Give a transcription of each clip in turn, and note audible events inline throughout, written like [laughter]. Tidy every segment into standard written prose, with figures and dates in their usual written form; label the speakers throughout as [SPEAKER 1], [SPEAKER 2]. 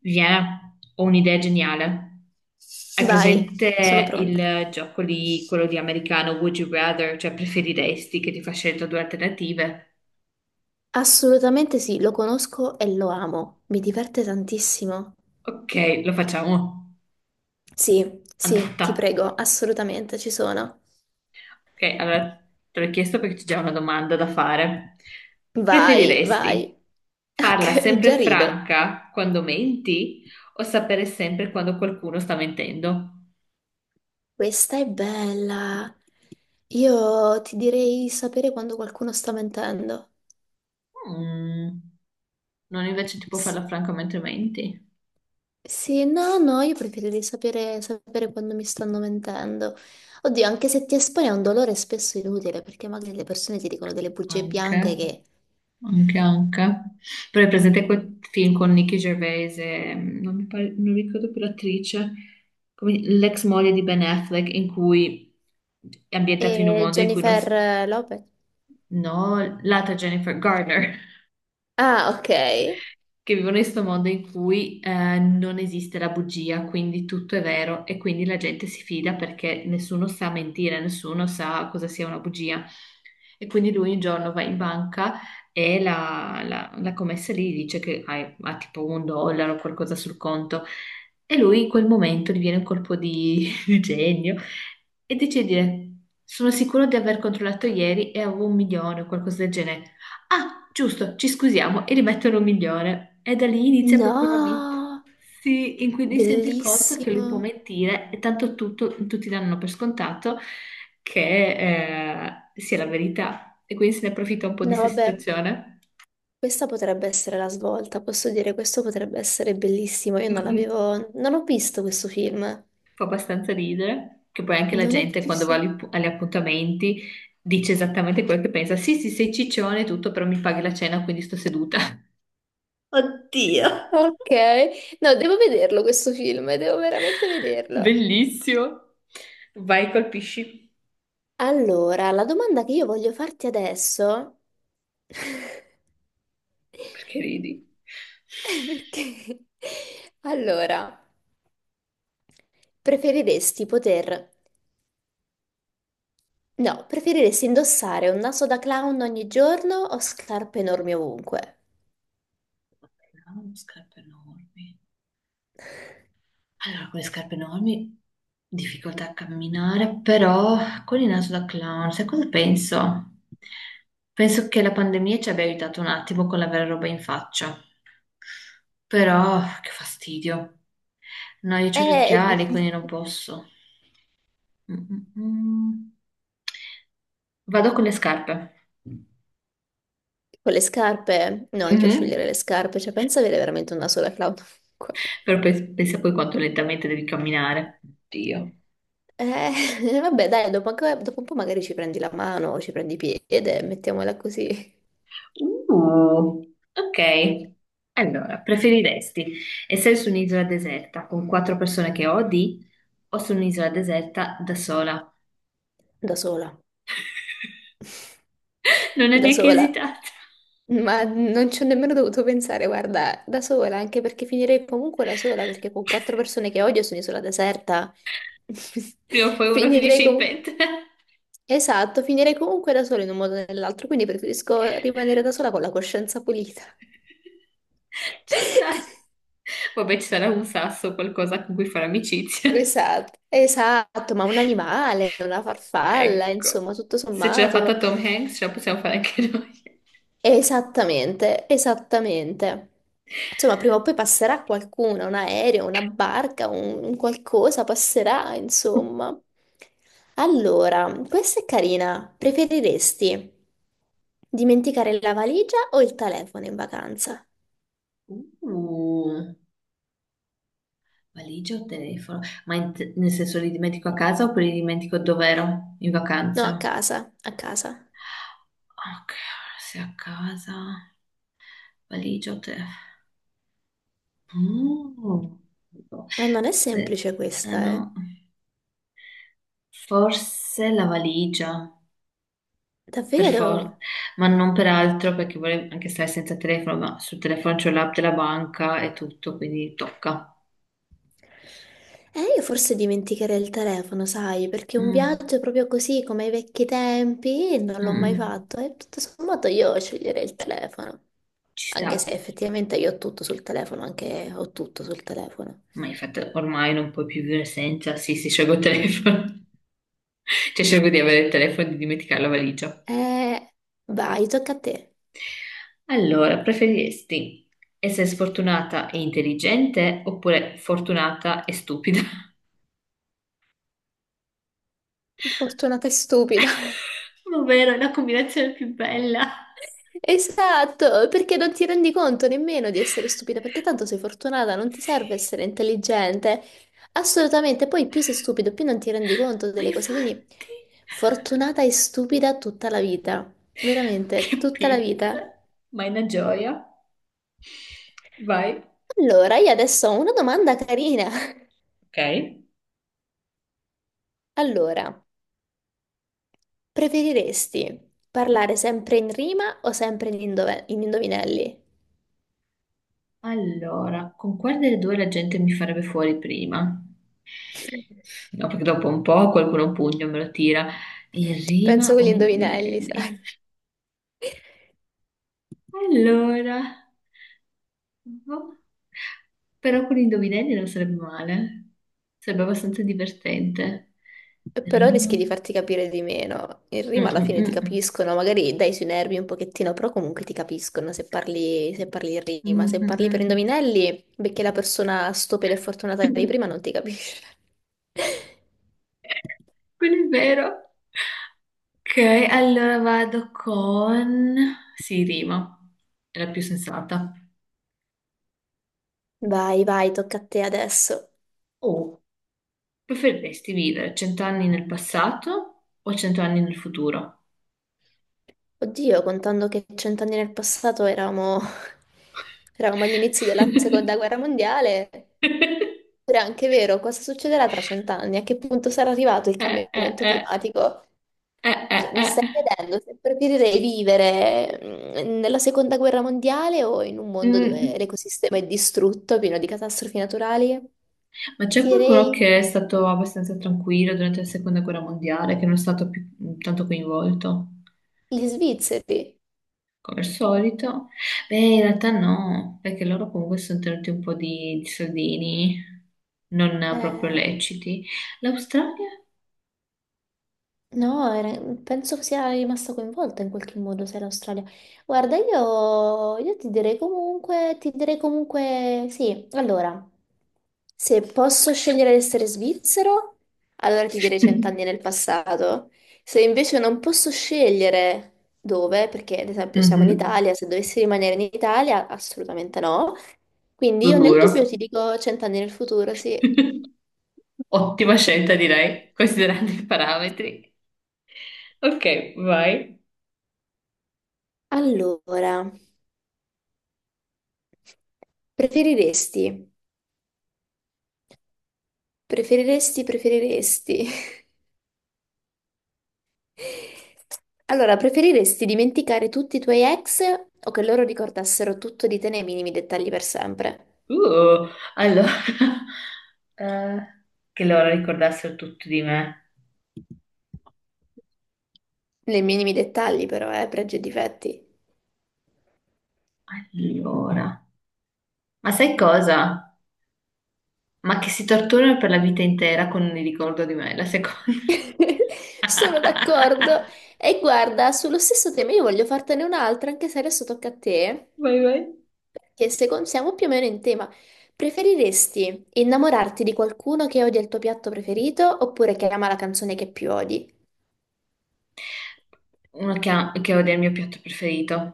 [SPEAKER 1] Viene, ho un'idea geniale. Hai
[SPEAKER 2] Vai, sono
[SPEAKER 1] presente
[SPEAKER 2] pronta.
[SPEAKER 1] il gioco lì, quello di americano Would you rather, cioè preferiresti che ti fa scelta due alternative?
[SPEAKER 2] Assolutamente sì, lo conosco e lo amo. Mi diverte tantissimo.
[SPEAKER 1] Ok, lo facciamo.
[SPEAKER 2] Sì, sì,
[SPEAKER 1] Andata.
[SPEAKER 2] ti prego, assolutamente ci sono.
[SPEAKER 1] Ok, allora te l'ho chiesto perché c'è già una domanda da fare.
[SPEAKER 2] Vai, vai.
[SPEAKER 1] Preferiresti
[SPEAKER 2] [laughs]
[SPEAKER 1] farla
[SPEAKER 2] Ok,
[SPEAKER 1] sempre
[SPEAKER 2] già rido.
[SPEAKER 1] franca quando menti o sapere sempre quando qualcuno sta mentendo?
[SPEAKER 2] Questa è bella. Io ti direi sapere quando qualcuno sta mentendo.
[SPEAKER 1] Mm, non invece tipo
[SPEAKER 2] Sì,
[SPEAKER 1] farla franca mentre menti?
[SPEAKER 2] sì, no, no, io preferirei sapere quando mi stanno mentendo. Oddio, anche se ti espone a un dolore spesso inutile, perché magari le persone ti dicono delle bugie bianche
[SPEAKER 1] Anche.
[SPEAKER 2] che.
[SPEAKER 1] Anche, anche. Però è presente quel film con Nicky Gervais e non mi pare- non ricordo più l'attrice, come- l'ex moglie di Ben Affleck, in cui è ambientato in un
[SPEAKER 2] E
[SPEAKER 1] mondo in cui non
[SPEAKER 2] Jennifer
[SPEAKER 1] si...
[SPEAKER 2] Lopez.
[SPEAKER 1] No, l'altra Jennifer Garner.
[SPEAKER 2] Ah, ok.
[SPEAKER 1] Che vivono in questo mondo in cui non esiste la bugia, quindi tutto è vero e quindi la gente si fida perché nessuno sa mentire, nessuno sa cosa sia una bugia. E quindi lui un giorno va in banca e la commessa lì dice che ha tipo un dollaro o qualcosa sul conto e lui in quel momento gli viene un colpo di, [laughs] di genio e decide di dire sono sicuro di aver controllato ieri e avevo un milione o qualcosa del genere. Ah, giusto, ci scusiamo e rimettono un milione. E da lì inizia proprio una vita.
[SPEAKER 2] No,
[SPEAKER 1] Sì, in cui lui si rende conto che lui può
[SPEAKER 2] bellissimo.
[SPEAKER 1] mentire e tanto tutto, tutti danno per scontato che sia la verità. E quindi se ne approfitta un po'
[SPEAKER 2] No,
[SPEAKER 1] di questa
[SPEAKER 2] vabbè,
[SPEAKER 1] situazione.
[SPEAKER 2] questa potrebbe essere la svolta. Posso dire, questo potrebbe essere bellissimo. Io
[SPEAKER 1] Mm,
[SPEAKER 2] non
[SPEAKER 1] mm,
[SPEAKER 2] l'avevo. Non ho visto questo film.
[SPEAKER 1] fa abbastanza ridere, che poi anche la
[SPEAKER 2] Non ho
[SPEAKER 1] gente quando va
[SPEAKER 2] visto.
[SPEAKER 1] agli appuntamenti dice esattamente quello che pensa. Sì, sì, sei ciccione e tutto, però mi paghi la cena, quindi sto seduta. [laughs] Oddio.
[SPEAKER 2] Ok. No, devo vederlo questo film, devo veramente vederlo.
[SPEAKER 1] Bellissimo. Vai, colpisci.
[SPEAKER 2] Allora, la domanda che io voglio farti adesso. [laughs]
[SPEAKER 1] Perché ridi?
[SPEAKER 2] È perché? Allora. Preferiresti poter... No, preferiresti indossare un naso da clown ogni giorno o scarpe enormi ovunque?
[SPEAKER 1] Avevamo scarpe enormi. Allora, con le scarpe enormi, difficoltà a camminare, però con il naso da clown, sai cosa penso? Penso che la pandemia ci abbia aiutato un attimo con l'avere roba in faccia, però che fastidio. No, io ho gli
[SPEAKER 2] Eh,
[SPEAKER 1] occhiali, quindi non
[SPEAKER 2] [laughs]
[SPEAKER 1] posso. Mm, mm, mm. Vado con le scarpe.
[SPEAKER 2] con le scarpe. No, anche io
[SPEAKER 1] Mhm.
[SPEAKER 2] scegliere le scarpe, cioè pensa avere veramente un naso da clown ovunque.
[SPEAKER 1] Però pensa poi quanto lentamente devi camminare. Dio.
[SPEAKER 2] [laughs] Vabbè, dai, dopo un po' magari ci prendi la mano o ci prendi i piedi, mettiamola così,
[SPEAKER 1] Uh, ok. Allora, preferiresti essere su un'isola deserta con quattro persone che odi o su un'isola deserta da sola?
[SPEAKER 2] da sola.
[SPEAKER 1] Non è
[SPEAKER 2] Da
[SPEAKER 1] neanche
[SPEAKER 2] sola.
[SPEAKER 1] esitata.
[SPEAKER 2] Ma non ci ho nemmeno dovuto pensare, guarda, da sola, anche perché finirei comunque da sola, perché con quattro
[SPEAKER 1] [laughs]
[SPEAKER 2] persone che odio sono isola deserta. [laughs]
[SPEAKER 1] Prima o poi uno finisce
[SPEAKER 2] Finirei
[SPEAKER 1] in
[SPEAKER 2] comunque...
[SPEAKER 1] pentola. [laughs]
[SPEAKER 2] Esatto, finirei comunque da sola in un modo o nell'altro, quindi preferisco rimanere da sola con la coscienza pulita.
[SPEAKER 1] Ci sta.
[SPEAKER 2] [laughs]
[SPEAKER 1] Vabbè, ci sarà un sasso, qualcosa con cui fare amicizia. [laughs]
[SPEAKER 2] Esatto, esatto, ma un animale, una farfalla,
[SPEAKER 1] Ecco.
[SPEAKER 2] insomma, tutto
[SPEAKER 1] Se ce l'ha fatta
[SPEAKER 2] sommato.
[SPEAKER 1] Tom Hanks, ce la possiamo fare anche noi.
[SPEAKER 2] Esattamente, esattamente. Insomma, prima o poi passerà qualcuno, un aereo, una barca, un qualcosa passerà, insomma. Allora, questa è carina. Preferiresti dimenticare la valigia o il telefono in vacanza?
[SPEAKER 1] Uh. Valigia o telefono? Ma nel senso li dimentico a casa oppure li dimentico dove ero in
[SPEAKER 2] No, a
[SPEAKER 1] vacanza?
[SPEAKER 2] casa, a casa.
[SPEAKER 1] Ok, se a casa, valigia o telefono? Mm.
[SPEAKER 2] Ah, non è
[SPEAKER 1] Se-
[SPEAKER 2] semplice
[SPEAKER 1] eh
[SPEAKER 2] questa, eh.
[SPEAKER 1] no. Forse la valigia, per
[SPEAKER 2] Davvero?
[SPEAKER 1] forza, ma non per altro perché volevo anche stare senza telefono, ma sul telefono c'ho l'app della banca e tutto, quindi tocca.
[SPEAKER 2] Io forse dimenticherei il telefono, sai, perché un
[SPEAKER 1] Mm,
[SPEAKER 2] viaggio proprio così come ai vecchi tempi non
[SPEAKER 1] mm,
[SPEAKER 2] l'ho mai
[SPEAKER 1] mm.
[SPEAKER 2] fatto e tutto sommato io sceglierei il telefono,
[SPEAKER 1] Ci
[SPEAKER 2] anche se
[SPEAKER 1] sta,
[SPEAKER 2] effettivamente io ho tutto sul telefono, anche ho tutto sul telefono.
[SPEAKER 1] ma infatti ormai non puoi più vivere senza, sì, si scioglie il telefono. Cioè, cerco di avere il telefono e di dimenticare la valigia.
[SPEAKER 2] Eh, vai, tocca a te.
[SPEAKER 1] Allora, preferiresti essere sfortunata e intelligente oppure fortunata e stupida?
[SPEAKER 2] Fortunata e stupida.
[SPEAKER 1] [laughs] Ma vero, è la combinazione più bella.
[SPEAKER 2] Esatto, perché non ti rendi conto nemmeno di essere stupida, perché tanto sei fortunata, non ti serve
[SPEAKER 1] Sì,
[SPEAKER 2] essere intelligente. Assolutamente, poi più sei stupido, più non ti rendi conto
[SPEAKER 1] ma
[SPEAKER 2] delle cose, quindi
[SPEAKER 1] infatti,
[SPEAKER 2] fortunata e stupida tutta la vita, veramente,
[SPEAKER 1] che
[SPEAKER 2] tutta la
[SPEAKER 1] pizza.
[SPEAKER 2] vita.
[SPEAKER 1] Ma è una gioia. Vai.
[SPEAKER 2] Allora, io adesso ho una domanda carina. [laughs]
[SPEAKER 1] Ok.
[SPEAKER 2] Allora, preferiresti parlare sempre in rima o sempre in indovinelli?
[SPEAKER 1] Allora, con quale delle due la gente mi farebbe fuori prima?
[SPEAKER 2] [laughs]
[SPEAKER 1] No, perché dopo un po' qualcuno un pugno me lo tira in
[SPEAKER 2] Penso
[SPEAKER 1] rima
[SPEAKER 2] con
[SPEAKER 1] o
[SPEAKER 2] gli
[SPEAKER 1] in
[SPEAKER 2] indovinelli,
[SPEAKER 1] indovinelli.
[SPEAKER 2] sai.
[SPEAKER 1] Allora, boh. Però con gli indovinelli non sarebbe male. Sarebbe abbastanza divertente.
[SPEAKER 2] Però rischi
[SPEAKER 1] Rima.
[SPEAKER 2] di farti capire di meno. In
[SPEAKER 1] Mm,
[SPEAKER 2] rima alla
[SPEAKER 1] mm,
[SPEAKER 2] fine ti
[SPEAKER 1] mm.
[SPEAKER 2] capiscono, magari dai sui nervi un pochettino, però comunque ti capiscono se parli in rima.
[SPEAKER 1] Mm,
[SPEAKER 2] Se parli per
[SPEAKER 1] mm,
[SPEAKER 2] indovinelli, perché la persona stupida e fortunata
[SPEAKER 1] mm.
[SPEAKER 2] di prima non
[SPEAKER 1] [laughs]
[SPEAKER 2] ti capisce. [laughs]
[SPEAKER 1] Quello è vero. Ok, allora vado con... Sì, rima. È la più sensata.
[SPEAKER 2] Vai, vai, tocca a te adesso.
[SPEAKER 1] Oh, preferiresti vivere 100 anni nel passato o 100 anni nel futuro?
[SPEAKER 2] Oddio, contando che 100 anni nel passato eravamo, [laughs] eravamo agli inizi della seconda
[SPEAKER 1] [laughs]
[SPEAKER 2] guerra mondiale, però è anche vero, cosa succederà tra 100 anni? A che punto sarà arrivato il cambiamento
[SPEAKER 1] Eh.
[SPEAKER 2] climatico? Cioè, mi stai
[SPEAKER 1] Eh.
[SPEAKER 2] chiedendo se preferirei vivere nella seconda guerra mondiale o in un
[SPEAKER 1] Eh.
[SPEAKER 2] mondo dove
[SPEAKER 1] Mm.
[SPEAKER 2] l'ecosistema è distrutto, pieno di catastrofi naturali?
[SPEAKER 1] Ma c'è
[SPEAKER 2] Ti
[SPEAKER 1] qualcuno
[SPEAKER 2] direi
[SPEAKER 1] che è stato abbastanza tranquillo durante la seconda guerra mondiale, che non è stato più tanto coinvolto,
[SPEAKER 2] gli svizzeri.
[SPEAKER 1] come al solito? Beh, in realtà no, perché loro comunque si sono tenuti un po' di soldini non proprio
[SPEAKER 2] Eh,
[SPEAKER 1] leciti. L'Australia?
[SPEAKER 2] No, penso che sia rimasta coinvolta in qualche modo se è l'Australia. Guarda, io ti direi comunque sì. Allora, se posso scegliere di essere svizzero, allora ti direi 100 anni
[SPEAKER 1] [laughs]
[SPEAKER 2] nel passato. Se invece non posso scegliere dove, perché ad esempio siamo in
[SPEAKER 1] Mhm,
[SPEAKER 2] Italia, se dovessi rimanere in Italia, assolutamente no. Quindi
[SPEAKER 1] lo
[SPEAKER 2] io nel dubbio
[SPEAKER 1] giuro.
[SPEAKER 2] ti dico 100 anni nel futuro, sì.
[SPEAKER 1] [laughs] Ottima scelta, direi, considerando i parametri. Ok, vai.
[SPEAKER 2] Allora, preferiresti? Preferiresti, preferiresti. [laughs] Allora, preferiresti dimenticare tutti i tuoi ex o che loro ricordassero tutto di te nei minimi dettagli per sempre?
[SPEAKER 1] Uh, allora, [laughs] eh, che loro ricordassero tutto di me.
[SPEAKER 2] Nei minimi dettagli, però, pregi e difetti.
[SPEAKER 1] Allora, ma sai cosa? Ma che si torturano per la vita intera con il ricordo di me, la seconda.
[SPEAKER 2] [laughs] Sono d'accordo.
[SPEAKER 1] [laughs]
[SPEAKER 2] E guarda, sullo stesso tema io voglio fartene un'altra, anche se adesso tocca a te,
[SPEAKER 1] Vai, vai.
[SPEAKER 2] perché secondo siamo più o meno in tema. Preferiresti innamorarti di qualcuno che odia il tuo piatto preferito oppure che ama la canzone che più odi?
[SPEAKER 1] Uno che odia il mio piatto preferito.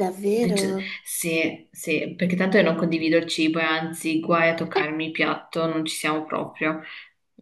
[SPEAKER 2] Davvero?
[SPEAKER 1] Dice- sì, sì, perché tanto io non condivido il cibo e anzi, guai a toccarmi il piatto, non ci siamo proprio.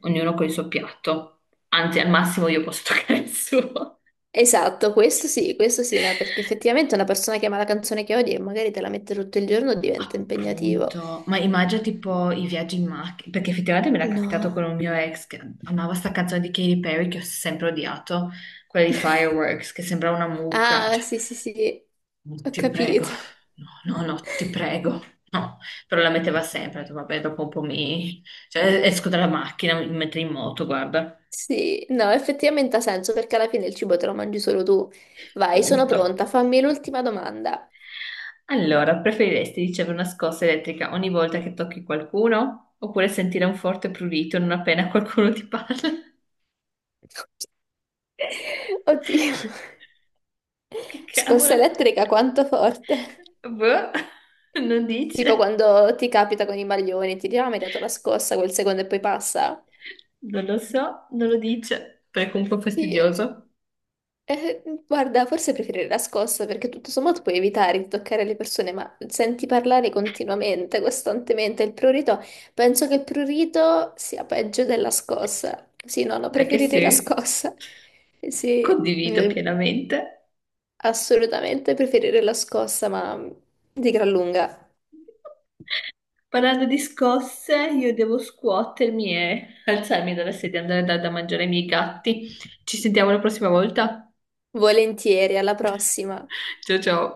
[SPEAKER 1] Ognuno con il suo piatto. Anzi, al massimo io posso [laughs] toccare il suo.
[SPEAKER 2] Esatto, questo sì, no, perché effettivamente una persona che ama la canzone che odia e magari te la mette tutto il giorno diventa impegnativo.
[SPEAKER 1] Punto. Ma immagino tipo i viaggi in macchina, perché effettivamente me l'ha capitato con
[SPEAKER 2] No.
[SPEAKER 1] un mio ex che amava sta canzone di Katy Perry che ho sempre odiato, quella di
[SPEAKER 2] [laughs]
[SPEAKER 1] Fireworks, che sembrava una mucca.
[SPEAKER 2] Ah,
[SPEAKER 1] Cioè,
[SPEAKER 2] sì, sì, sì,
[SPEAKER 1] no,
[SPEAKER 2] ho
[SPEAKER 1] ti prego,
[SPEAKER 2] capito.
[SPEAKER 1] no, no, no, ti prego. No, però la metteva sempre, ho detto, vabbè, dopo un po' mi... Cioè, esco dalla macchina, mi metto in moto, guarda.
[SPEAKER 2] Sì, no, effettivamente ha senso perché alla fine il cibo te lo mangi solo tu. Vai, sono
[SPEAKER 1] Punto.
[SPEAKER 2] pronta, fammi l'ultima domanda.
[SPEAKER 1] Allora, preferiresti ricevere una scossa elettrica ogni volta che tocchi qualcuno oppure sentire un forte prurito non appena qualcuno ti parla?
[SPEAKER 2] [laughs] Oddio.
[SPEAKER 1] Che
[SPEAKER 2] Scossa
[SPEAKER 1] cavolo?
[SPEAKER 2] elettrica quanto forte?
[SPEAKER 1] Boh, non
[SPEAKER 2] Tipo
[SPEAKER 1] dice.
[SPEAKER 2] quando ti capita con i maglioni, ti dicono ah, mi hai dato la scossa quel secondo e poi passa?
[SPEAKER 1] Non lo so, non lo dice. Però è comunque
[SPEAKER 2] Sì.
[SPEAKER 1] fastidioso.
[SPEAKER 2] Guarda, forse preferirei la scossa perché tutto sommato puoi evitare di toccare le persone, ma senti parlare continuamente, costantemente. Il prurito, penso che il prurito sia peggio della scossa. Sì, no, no,
[SPEAKER 1] È che
[SPEAKER 2] preferirei la
[SPEAKER 1] sì,
[SPEAKER 2] scossa. Sì,
[SPEAKER 1] condivido
[SPEAKER 2] eh,
[SPEAKER 1] pienamente.
[SPEAKER 2] assolutamente preferirei la scossa, ma di gran lunga.
[SPEAKER 1] Parlando di scosse, io devo scuotermi e alzarmi dalla sedia e andare a dare da mangiare ai miei gatti. Ci sentiamo la prossima volta.
[SPEAKER 2] Volentieri, alla prossima.
[SPEAKER 1] Ciao ciao.